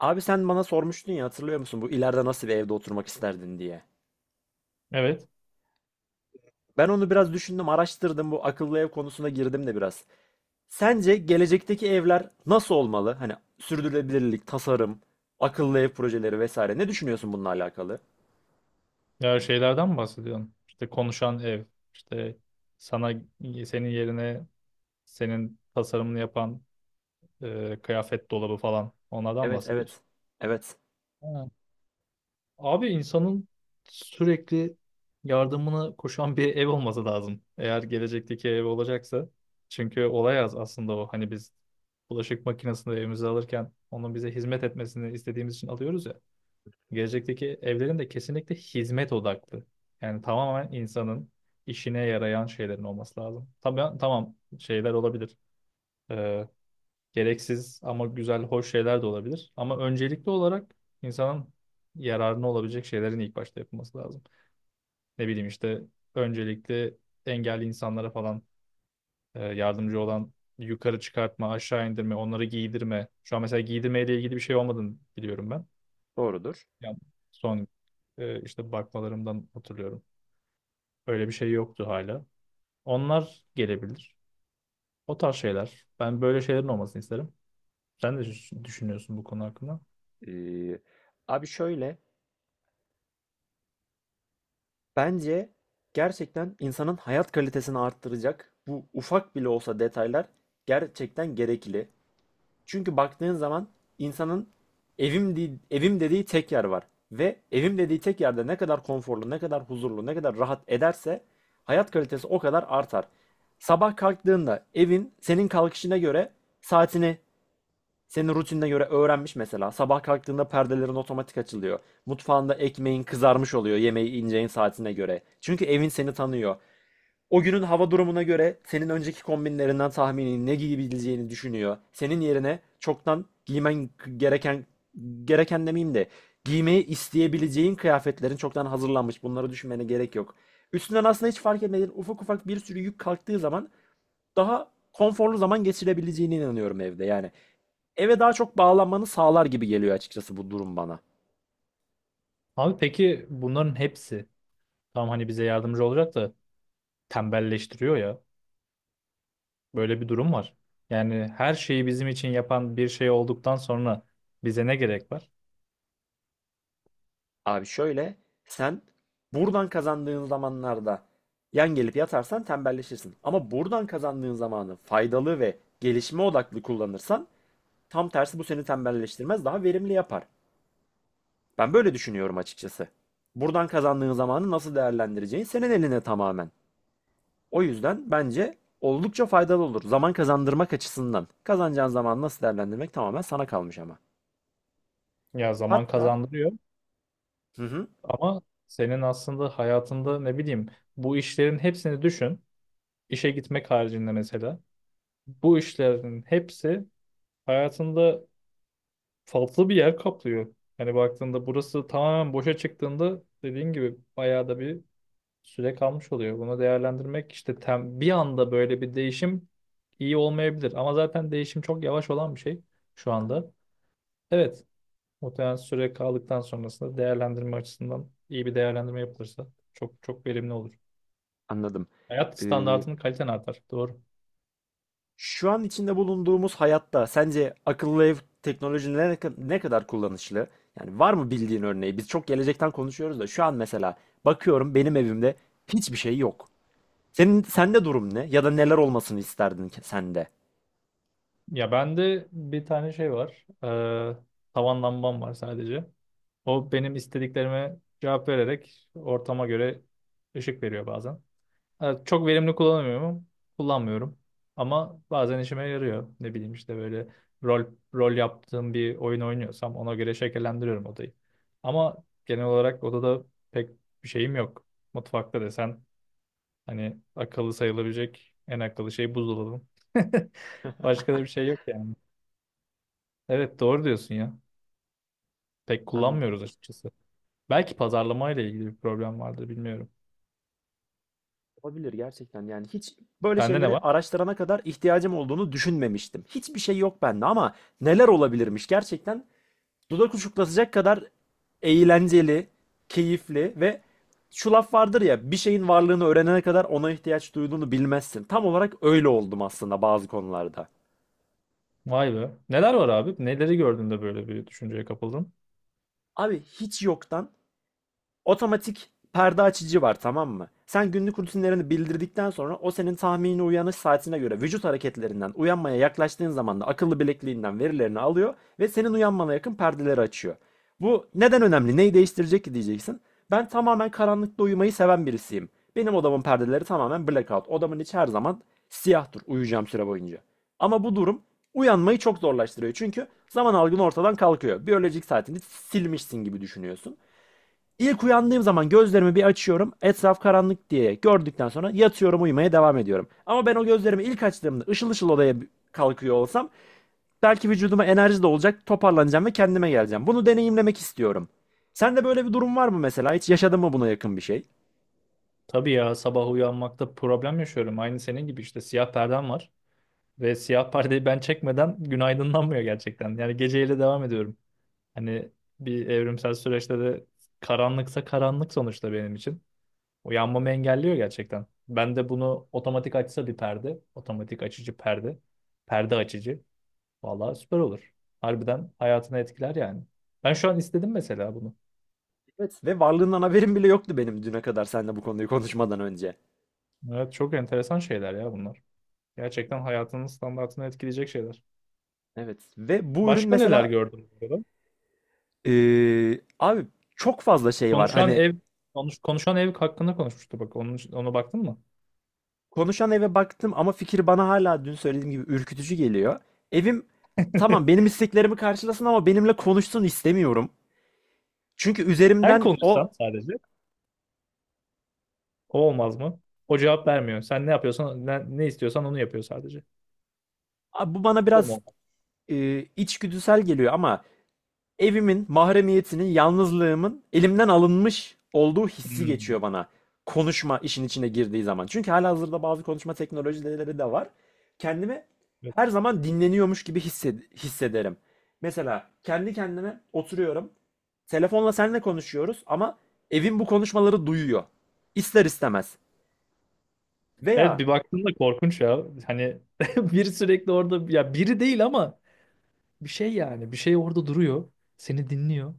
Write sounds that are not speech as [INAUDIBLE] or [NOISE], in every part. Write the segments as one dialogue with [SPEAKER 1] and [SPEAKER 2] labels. [SPEAKER 1] Abi sen bana sormuştun ya, hatırlıyor musun, bu ileride nasıl bir evde oturmak isterdin diye.
[SPEAKER 2] Evet.
[SPEAKER 1] Ben onu biraz düşündüm, araştırdım, bu akıllı ev konusuna girdim de biraz. Sence gelecekteki evler nasıl olmalı? Hani sürdürülebilirlik, tasarım, akıllı ev projeleri vesaire. Ne düşünüyorsun bununla alakalı?
[SPEAKER 2] Ya şeylerden mi bahsediyorsun? İşte konuşan ev, işte sana senin yerine senin tasarımını yapan kıyafet dolabı falan onlardan
[SPEAKER 1] Evet, evet.
[SPEAKER 2] bahsediyorsun.
[SPEAKER 1] Evet,
[SPEAKER 2] Ha. Abi insanın sürekli yardımına koşan bir ev olması lazım. Eğer gelecekteki ev olacaksa. Çünkü olay az aslında o. Hani biz bulaşık makinesini evimize alırken onun bize hizmet etmesini istediğimiz için alıyoruz ya. Gelecekteki evlerin de kesinlikle hizmet odaklı. Yani tamamen insanın işine yarayan şeylerin olması lazım. Tabii tamam şeyler olabilir. Ee, Gereksiz ama güzel, hoş şeyler de olabilir. Ama öncelikli olarak insanın yararına olabilecek şeylerin ilk başta yapılması lazım. Ne bileyim işte öncelikle engelli insanlara falan yardımcı olan yukarı çıkartma, aşağı indirme, onları giydirme. Şu an mesela giydirmeyle ilgili bir şey olmadığını biliyorum ben.
[SPEAKER 1] doğrudur.
[SPEAKER 2] Yani son işte bakmalarımdan hatırlıyorum. Öyle bir şey yoktu hala. Onlar gelebilir. O tarz şeyler. Ben böyle şeylerin olmasını isterim. Sen de düşünüyorsun bu konu hakkında.
[SPEAKER 1] Ee, Abi şöyle, bence gerçekten insanın hayat kalitesini arttıracak bu ufak bile olsa detaylar gerçekten gerekli. Çünkü baktığın zaman insanın evim dediği tek yer var. Ve evim dediği tek yerde ne kadar konforlu, ne kadar huzurlu, ne kadar rahat ederse hayat kalitesi o kadar artar. Sabah kalktığında evin senin kalkışına göre saatini, senin rutinine göre öğrenmiş mesela. Sabah kalktığında perdelerin otomatik açılıyor. Mutfağında ekmeğin kızarmış oluyor yemeği ineceğin saatine göre. Çünkü evin seni tanıyor. O günün hava durumuna göre senin önceki kombinlerinden tahmini ne giyebileceğini düşünüyor. Senin yerine çoktan giymen gereken gereken demeyeyim de, giymeyi isteyebileceğin kıyafetlerin çoktan hazırlanmış. Bunları düşünmene gerek yok. Üstünden aslında hiç fark etmediğin ufak ufak bir sürü yük kalktığı zaman daha konforlu zaman geçirebileceğine inanıyorum evde. Yani eve daha çok bağlanmanı sağlar gibi geliyor açıkçası bu durum bana.
[SPEAKER 2] Abi peki bunların hepsi tam hani bize yardımcı olacak da tembelleştiriyor ya. Böyle bir durum var. Yani her şeyi bizim için yapan bir şey olduktan sonra bize ne gerek var?
[SPEAKER 1] Abi şöyle, sen buradan kazandığın zamanlarda yan gelip yatarsan tembelleşirsin. Ama buradan kazandığın zamanı faydalı ve gelişme odaklı kullanırsan tam tersi, bu seni tembelleştirmez, daha verimli yapar. Ben böyle düşünüyorum açıkçası. Buradan kazandığın zamanı nasıl değerlendireceğin senin eline tamamen. O yüzden bence oldukça faydalı olur. Zaman kazandırmak açısından. Kazanacağın zamanı nasıl değerlendirmek tamamen sana kalmış ama.
[SPEAKER 2] Ya zaman
[SPEAKER 1] Hatta
[SPEAKER 2] kazandırıyor.
[SPEAKER 1] hı hı,
[SPEAKER 2] Ama senin aslında hayatında ne bileyim bu işlerin hepsini düşün. İşe gitmek haricinde mesela. Bu işlerin hepsi hayatında farklı bir yer kaplıyor. Hani baktığında burası tamamen boşa çıktığında dediğin gibi bayağı da bir süre kalmış oluyor. Bunu değerlendirmek işte bir anda böyle bir değişim iyi olmayabilir. Ama zaten değişim çok yavaş olan bir şey şu anda. Evet, muhtemelen süre kaldıktan sonrasında değerlendirme açısından iyi bir değerlendirme yapılırsa çok çok verimli olur.
[SPEAKER 1] anladım.
[SPEAKER 2] Hayat
[SPEAKER 1] Ee,
[SPEAKER 2] standartının kaliten artar. Doğru.
[SPEAKER 1] Şu an içinde bulunduğumuz hayatta sence akıllı ev teknolojinin ne kadar kullanışlı? Yani var mı bildiğin örneği? Biz çok gelecekten konuşuyoruz da şu an mesela bakıyorum benim evimde hiçbir şey yok. Senin sende durum ne? Ya da neler olmasını isterdin ki sende?
[SPEAKER 2] Ya bende bir tane şey var. Tavan lambam var sadece. O benim istediklerime cevap vererek ortama göre ışık veriyor bazen. Evet, çok verimli kullanamıyorum. Kullanmıyorum. Ama bazen işime yarıyor. Ne bileyim işte böyle rol rol yaptığım bir oyun oynuyorsam ona göre şekillendiriyorum odayı. Ama genel olarak odada pek bir şeyim yok. Mutfakta desen, hani akıllı sayılabilecek en akıllı şey buzdolabı. [LAUGHS] Başka da bir şey yok yani. Evet doğru diyorsun ya. Pek
[SPEAKER 1] An
[SPEAKER 2] kullanmıyoruz açıkçası. Belki pazarlamayla ilgili bir problem vardır bilmiyorum.
[SPEAKER 1] olabilir gerçekten. Yani hiç böyle
[SPEAKER 2] Sende ne
[SPEAKER 1] şeyleri
[SPEAKER 2] var?
[SPEAKER 1] araştırana kadar ihtiyacım olduğunu düşünmemiştim. Hiçbir şey yok bende, ama neler olabilirmiş gerçekten, dudak uçuklatacak kadar eğlenceli, keyifli ve şu laf vardır ya, bir şeyin varlığını öğrenene kadar ona ihtiyaç duyduğunu bilmezsin. Tam olarak öyle oldum aslında bazı konularda.
[SPEAKER 2] Vay be. Neler var abi? Neleri gördün de böyle bir düşünceye kapıldın?
[SPEAKER 1] Abi hiç yoktan otomatik perde açıcı var, tamam mı? Sen günlük rutinlerini bildirdikten sonra o senin tahmini uyanış saatine göre vücut hareketlerinden uyanmaya yaklaştığın zaman da akıllı bilekliğinden verilerini alıyor ve senin uyanmana yakın perdeleri açıyor. Bu neden önemli? Neyi değiştirecek ki diyeceksin. Ben tamamen karanlıkta uyumayı seven birisiyim. Benim odamın perdeleri tamamen blackout. Odamın içi her zaman siyahtır uyuyacağım süre boyunca. Ama bu durum uyanmayı çok zorlaştırıyor. Çünkü zaman algın ortadan kalkıyor. Biyolojik saatini silmişsin gibi düşünüyorsun. İlk uyandığım zaman gözlerimi bir açıyorum. Etraf karanlık diye gördükten sonra yatıyorum, uyumaya devam ediyorum. Ama ben o gözlerimi ilk açtığımda ışıl ışıl odaya kalkıyor olsam belki vücuduma enerji de olacak, toparlanacağım ve kendime geleceğim. Bunu deneyimlemek istiyorum. Sende böyle bir durum var mı mesela? Hiç yaşadın mı buna yakın bir şey?
[SPEAKER 2] Tabii ya sabah uyanmakta problem yaşıyorum. Aynı senin gibi işte siyah perdem var. Ve siyah perdeyi ben çekmeden gün aydınlanmıyor gerçekten. Yani geceyle devam ediyorum. Hani bir evrimsel süreçte de karanlıksa karanlık sonuçta benim için. O yanmamı engelliyor gerçekten. Ben de bunu otomatik açsa bir perde. Otomatik açıcı perde. Perde açıcı. Vallahi süper olur. Harbiden hayatını etkiler yani. Ben şu an istedim mesela bunu.
[SPEAKER 1] Evet. Ve varlığından haberim bile yoktu benim, düne kadar seninle bu konuyu konuşmadan önce.
[SPEAKER 2] Evet çok enteresan şeyler ya bunlar. Gerçekten hayatının standartını etkileyecek şeyler.
[SPEAKER 1] Evet. Ve bu ürün
[SPEAKER 2] Başka neler
[SPEAKER 1] mesela
[SPEAKER 2] gördüm bu arada?
[SPEAKER 1] abi çok fazla şey var.
[SPEAKER 2] Konuşan
[SPEAKER 1] Hani
[SPEAKER 2] ev konuşan ev hakkında konuşmuştu bak. Onun, ona baktın mı?
[SPEAKER 1] konuşan eve baktım ama fikir bana hala dün söylediğim gibi ürkütücü geliyor. Evim tamam
[SPEAKER 2] [LAUGHS]
[SPEAKER 1] benim isteklerimi karşılasın ama benimle konuşsun istemiyorum. Çünkü
[SPEAKER 2] Sen
[SPEAKER 1] üzerimden
[SPEAKER 2] konuşsan sadece. O olmaz mı? O cevap vermiyor. Sen ne yapıyorsan, ne, ne istiyorsan onu yapıyor sadece.
[SPEAKER 1] bu bana
[SPEAKER 2] Bu da mı
[SPEAKER 1] biraz
[SPEAKER 2] olmaz?
[SPEAKER 1] içgüdüsel geliyor ama evimin, mahremiyetinin, yalnızlığımın elimden alınmış olduğu hissi
[SPEAKER 2] Hmm.
[SPEAKER 1] geçiyor bana. Konuşma işin içine girdiği zaman. Çünkü halihazırda bazı konuşma teknolojileri de var. Kendimi her zaman dinleniyormuş gibi hissederim. Mesela kendi kendime oturuyorum. Telefonla seninle konuşuyoruz ama evim bu konuşmaları duyuyor. İster istemez.
[SPEAKER 2] Evet
[SPEAKER 1] Veya
[SPEAKER 2] bir baktığında korkunç ya. Hani [LAUGHS] bir sürekli orada ya biri değil ama bir şey yani bir şey orada duruyor. Seni dinliyor.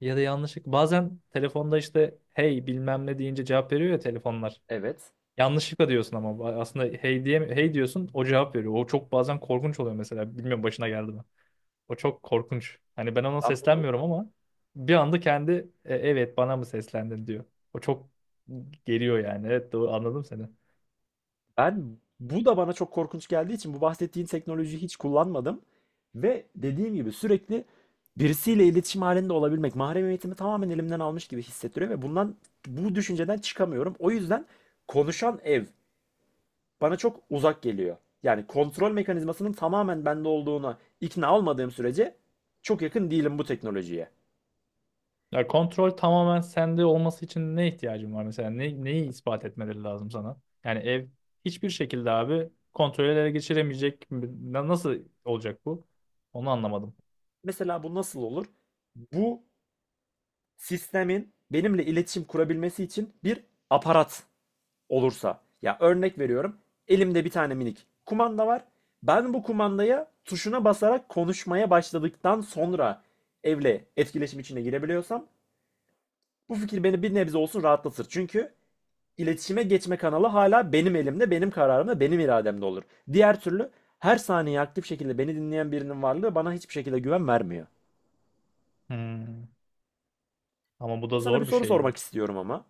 [SPEAKER 2] Ya da yanlışlıkla bazen telefonda işte hey bilmem ne deyince cevap veriyor ya telefonlar.
[SPEAKER 1] evet,
[SPEAKER 2] Yanlışlıkla diyorsun ama aslında hey diye hey diyorsun o cevap veriyor. O çok bazen korkunç oluyor mesela. Bilmiyorum başına geldi mi? O çok korkunç. Hani ben ona
[SPEAKER 1] ben bunu
[SPEAKER 2] seslenmiyorum ama bir anda kendi "E, evet bana mı seslendin" diyor. O çok geliyor yani. Evet doğru anladım seni.
[SPEAKER 1] ben bu da bana çok korkunç geldiği için bu bahsettiğin teknolojiyi hiç kullanmadım. Ve dediğim gibi sürekli birisiyle iletişim halinde olabilmek mahremiyetimi tamamen elimden almış gibi hissettiriyor ve bundan, bu düşünceden çıkamıyorum. O yüzden konuşan ev bana çok uzak geliyor. Yani kontrol mekanizmasının tamamen bende olduğuna ikna olmadığım sürece çok yakın değilim bu teknolojiye.
[SPEAKER 2] Ya kontrol tamamen sende olması için ne ihtiyacın var mesela? Ne, neyi ispat etmeleri lazım sana? Yani ev hiçbir şekilde abi kontrol ele geçiremeyecek. Nasıl olacak bu? Onu anlamadım.
[SPEAKER 1] Mesela bu nasıl olur? Bu sistemin benimle iletişim kurabilmesi için bir aparat olursa. Ya örnek veriyorum. Elimde bir tane minik kumanda var. Ben bu kumandaya, tuşuna basarak konuşmaya başladıktan sonra evle etkileşim içine girebiliyorsam bu fikir beni bir nebze olsun rahatlatır. Çünkü iletişime geçme kanalı hala benim elimde, benim kararımda, benim irademde olur. Diğer türlü her saniye aktif şekilde beni dinleyen birinin varlığı bana hiçbir şekilde güven vermiyor.
[SPEAKER 2] Hmm. Ama bu da
[SPEAKER 1] Sana bir
[SPEAKER 2] zor bir
[SPEAKER 1] soru
[SPEAKER 2] şey ya.
[SPEAKER 1] sormak istiyorum ama.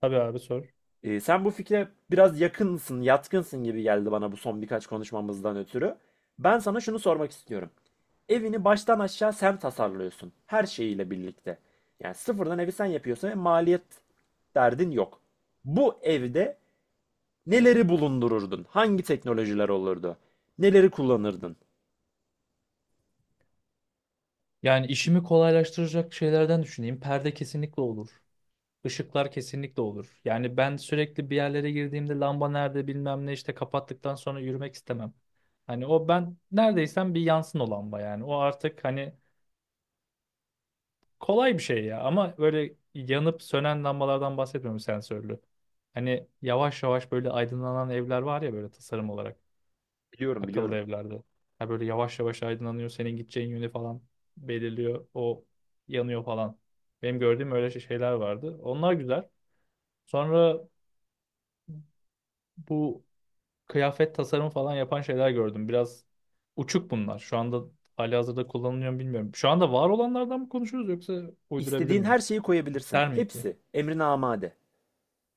[SPEAKER 2] Tabii abi sor.
[SPEAKER 1] Sen bu fikre biraz yakınsın, yatkınsın gibi geldi bana bu son birkaç konuşmamızdan ötürü. Ben sana şunu sormak istiyorum. Evini baştan aşağı sen tasarlıyorsun. Her şeyiyle birlikte. Yani sıfırdan evi sen yapıyorsun ve maliyet derdin yok. Bu evde neleri bulundururdun? Hangi teknolojiler olurdu? Neleri kullanırdın?
[SPEAKER 2] Yani işimi kolaylaştıracak şeylerden düşüneyim. Perde kesinlikle olur. Işıklar kesinlikle olur. Yani ben sürekli bir yerlere girdiğimde lamba nerede bilmem ne işte kapattıktan sonra yürümek istemem. Hani o ben neredeysem bir yansın o lamba yani. O artık hani kolay bir şey ya ama böyle yanıp sönen lambalardan bahsetmiyorum sensörlü. Hani yavaş yavaş böyle aydınlanan evler var ya böyle tasarım olarak
[SPEAKER 1] Biliyorum,
[SPEAKER 2] akıllı
[SPEAKER 1] biliyorum.
[SPEAKER 2] evlerde. Ha böyle yavaş yavaş aydınlanıyor senin gideceğin yönü falan belirliyor o yanıyor falan. Benim gördüğüm öyle şeyler vardı. Onlar güzel. Sonra bu kıyafet tasarımı falan yapan şeyler gördüm. Biraz uçuk bunlar. Şu anda halihazırda kullanılıyor mu bilmiyorum. Şu anda var olanlardan mı konuşuyoruz yoksa uydurabilir
[SPEAKER 1] İstediğin her
[SPEAKER 2] miyim?
[SPEAKER 1] şeyi koyabilirsin.
[SPEAKER 2] Der mi?
[SPEAKER 1] Hepsi emrine amade.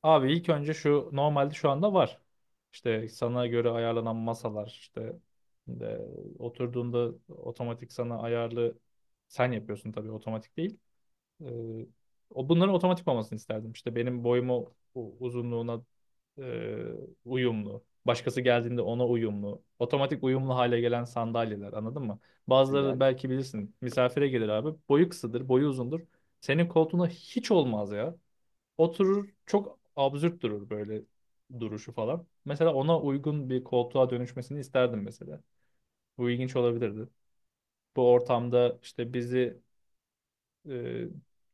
[SPEAKER 2] Abi ilk önce şu normalde şu anda var. İşte sana göre ayarlanan masalar işte e, oturduğunda otomatik sana ayarlı sen yapıyorsun tabii otomatik değil. E, O bunların otomatik olmasını isterdim. İşte benim boyuma uzunluğuna e, uyumlu. Başkası geldiğinde ona uyumlu. Otomatik uyumlu hale gelen sandalyeler anladın mı? Bazıları
[SPEAKER 1] Güzel.
[SPEAKER 2] belki bilirsin misafire gelir abi. Boyu kısadır, boyu uzundur. Senin koltuğuna hiç olmaz ya. Oturur çok absürt durur böyle duruşu falan. Mesela ona uygun bir koltuğa dönüşmesini isterdim mesela. Bu ilginç olabilirdi. Bu ortamda işte bizi e,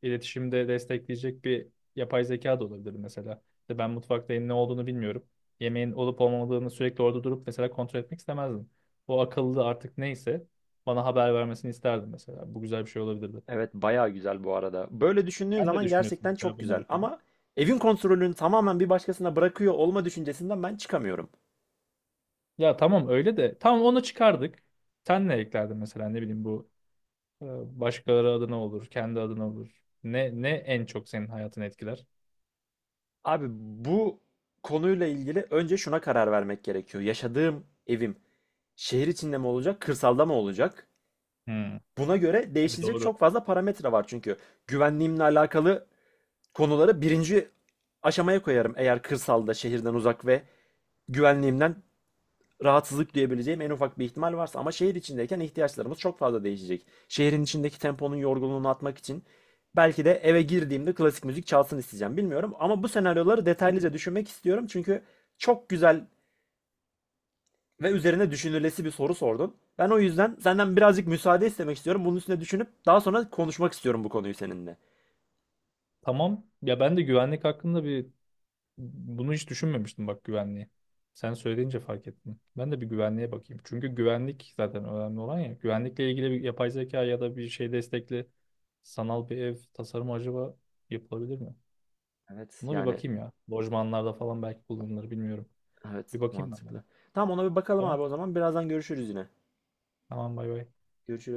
[SPEAKER 2] iletişimde destekleyecek bir yapay zeka da olabilirdi mesela. İşte ben mutfaktayım ne olduğunu bilmiyorum. Yemeğin olup olmadığını sürekli orada durup mesela kontrol etmek istemezdim. O akıllı artık neyse bana haber vermesini isterdim mesela. Bu güzel bir şey olabilirdi.
[SPEAKER 1] Evet bayağı güzel bu arada. Böyle düşündüğün
[SPEAKER 2] Sen ne
[SPEAKER 1] zaman
[SPEAKER 2] düşünüyorsun
[SPEAKER 1] gerçekten
[SPEAKER 2] mesela
[SPEAKER 1] çok
[SPEAKER 2] bunlar
[SPEAKER 1] güzel.
[SPEAKER 2] hakkında?
[SPEAKER 1] Ama evin kontrolünü tamamen bir başkasına bırakıyor olma düşüncesinden ben çıkamıyorum.
[SPEAKER 2] Ya tamam öyle de. Tamam onu çıkardık. Sen ne eklerdin mesela ne bileyim bu e, başkaları adına olur, kendi adına olur. Ne ne en çok senin hayatını etkiler?
[SPEAKER 1] Abi bu konuyla ilgili önce şuna karar vermek gerekiyor. Yaşadığım evim şehir içinde mi olacak, kırsalda mı olacak?
[SPEAKER 2] Hmm.
[SPEAKER 1] Buna göre
[SPEAKER 2] Tabii
[SPEAKER 1] değişecek
[SPEAKER 2] doğru.
[SPEAKER 1] çok fazla parametre var çünkü. Güvenliğimle alakalı konuları birinci aşamaya koyarım eğer kırsalda, şehirden uzak ve güvenliğimden rahatsızlık duyabileceğim en ufak bir ihtimal varsa, ama şehir içindeyken ihtiyaçlarımız çok fazla değişecek. Şehrin içindeki temponun yorgunluğunu atmak için belki de eve girdiğimde klasik müzik çalsın isteyeceğim. Bilmiyorum ama bu senaryoları detaylıca düşünmek istiyorum çünkü çok güzel ve üzerine düşünülesi bir soru sordun. Ben o yüzden senden birazcık müsaade istemek istiyorum. Bunun üstüne düşünüp daha sonra konuşmak istiyorum bu konuyu seninle.
[SPEAKER 2] Tamam. Ya ben de güvenlik hakkında bir bunu hiç düşünmemiştim bak güvenliği. Sen söyleyince fark ettim. Ben de bir güvenliğe bakayım. Çünkü güvenlik zaten önemli olan ya. Güvenlikle ilgili bir yapay zeka ya da bir şey destekli sanal bir ev tasarımı acaba yapılabilir mi?
[SPEAKER 1] Evet
[SPEAKER 2] Buna bir
[SPEAKER 1] yani,
[SPEAKER 2] bakayım ya. Lojmanlarda falan belki kullanılır bilmiyorum.
[SPEAKER 1] evet
[SPEAKER 2] Bir bakayım ben buna.
[SPEAKER 1] mantıklı. Tamam, ona bir bakalım
[SPEAKER 2] Tamam.
[SPEAKER 1] abi, o zaman birazdan görüşürüz yine.
[SPEAKER 2] Tamam bay bay.
[SPEAKER 1] Görüşürüz.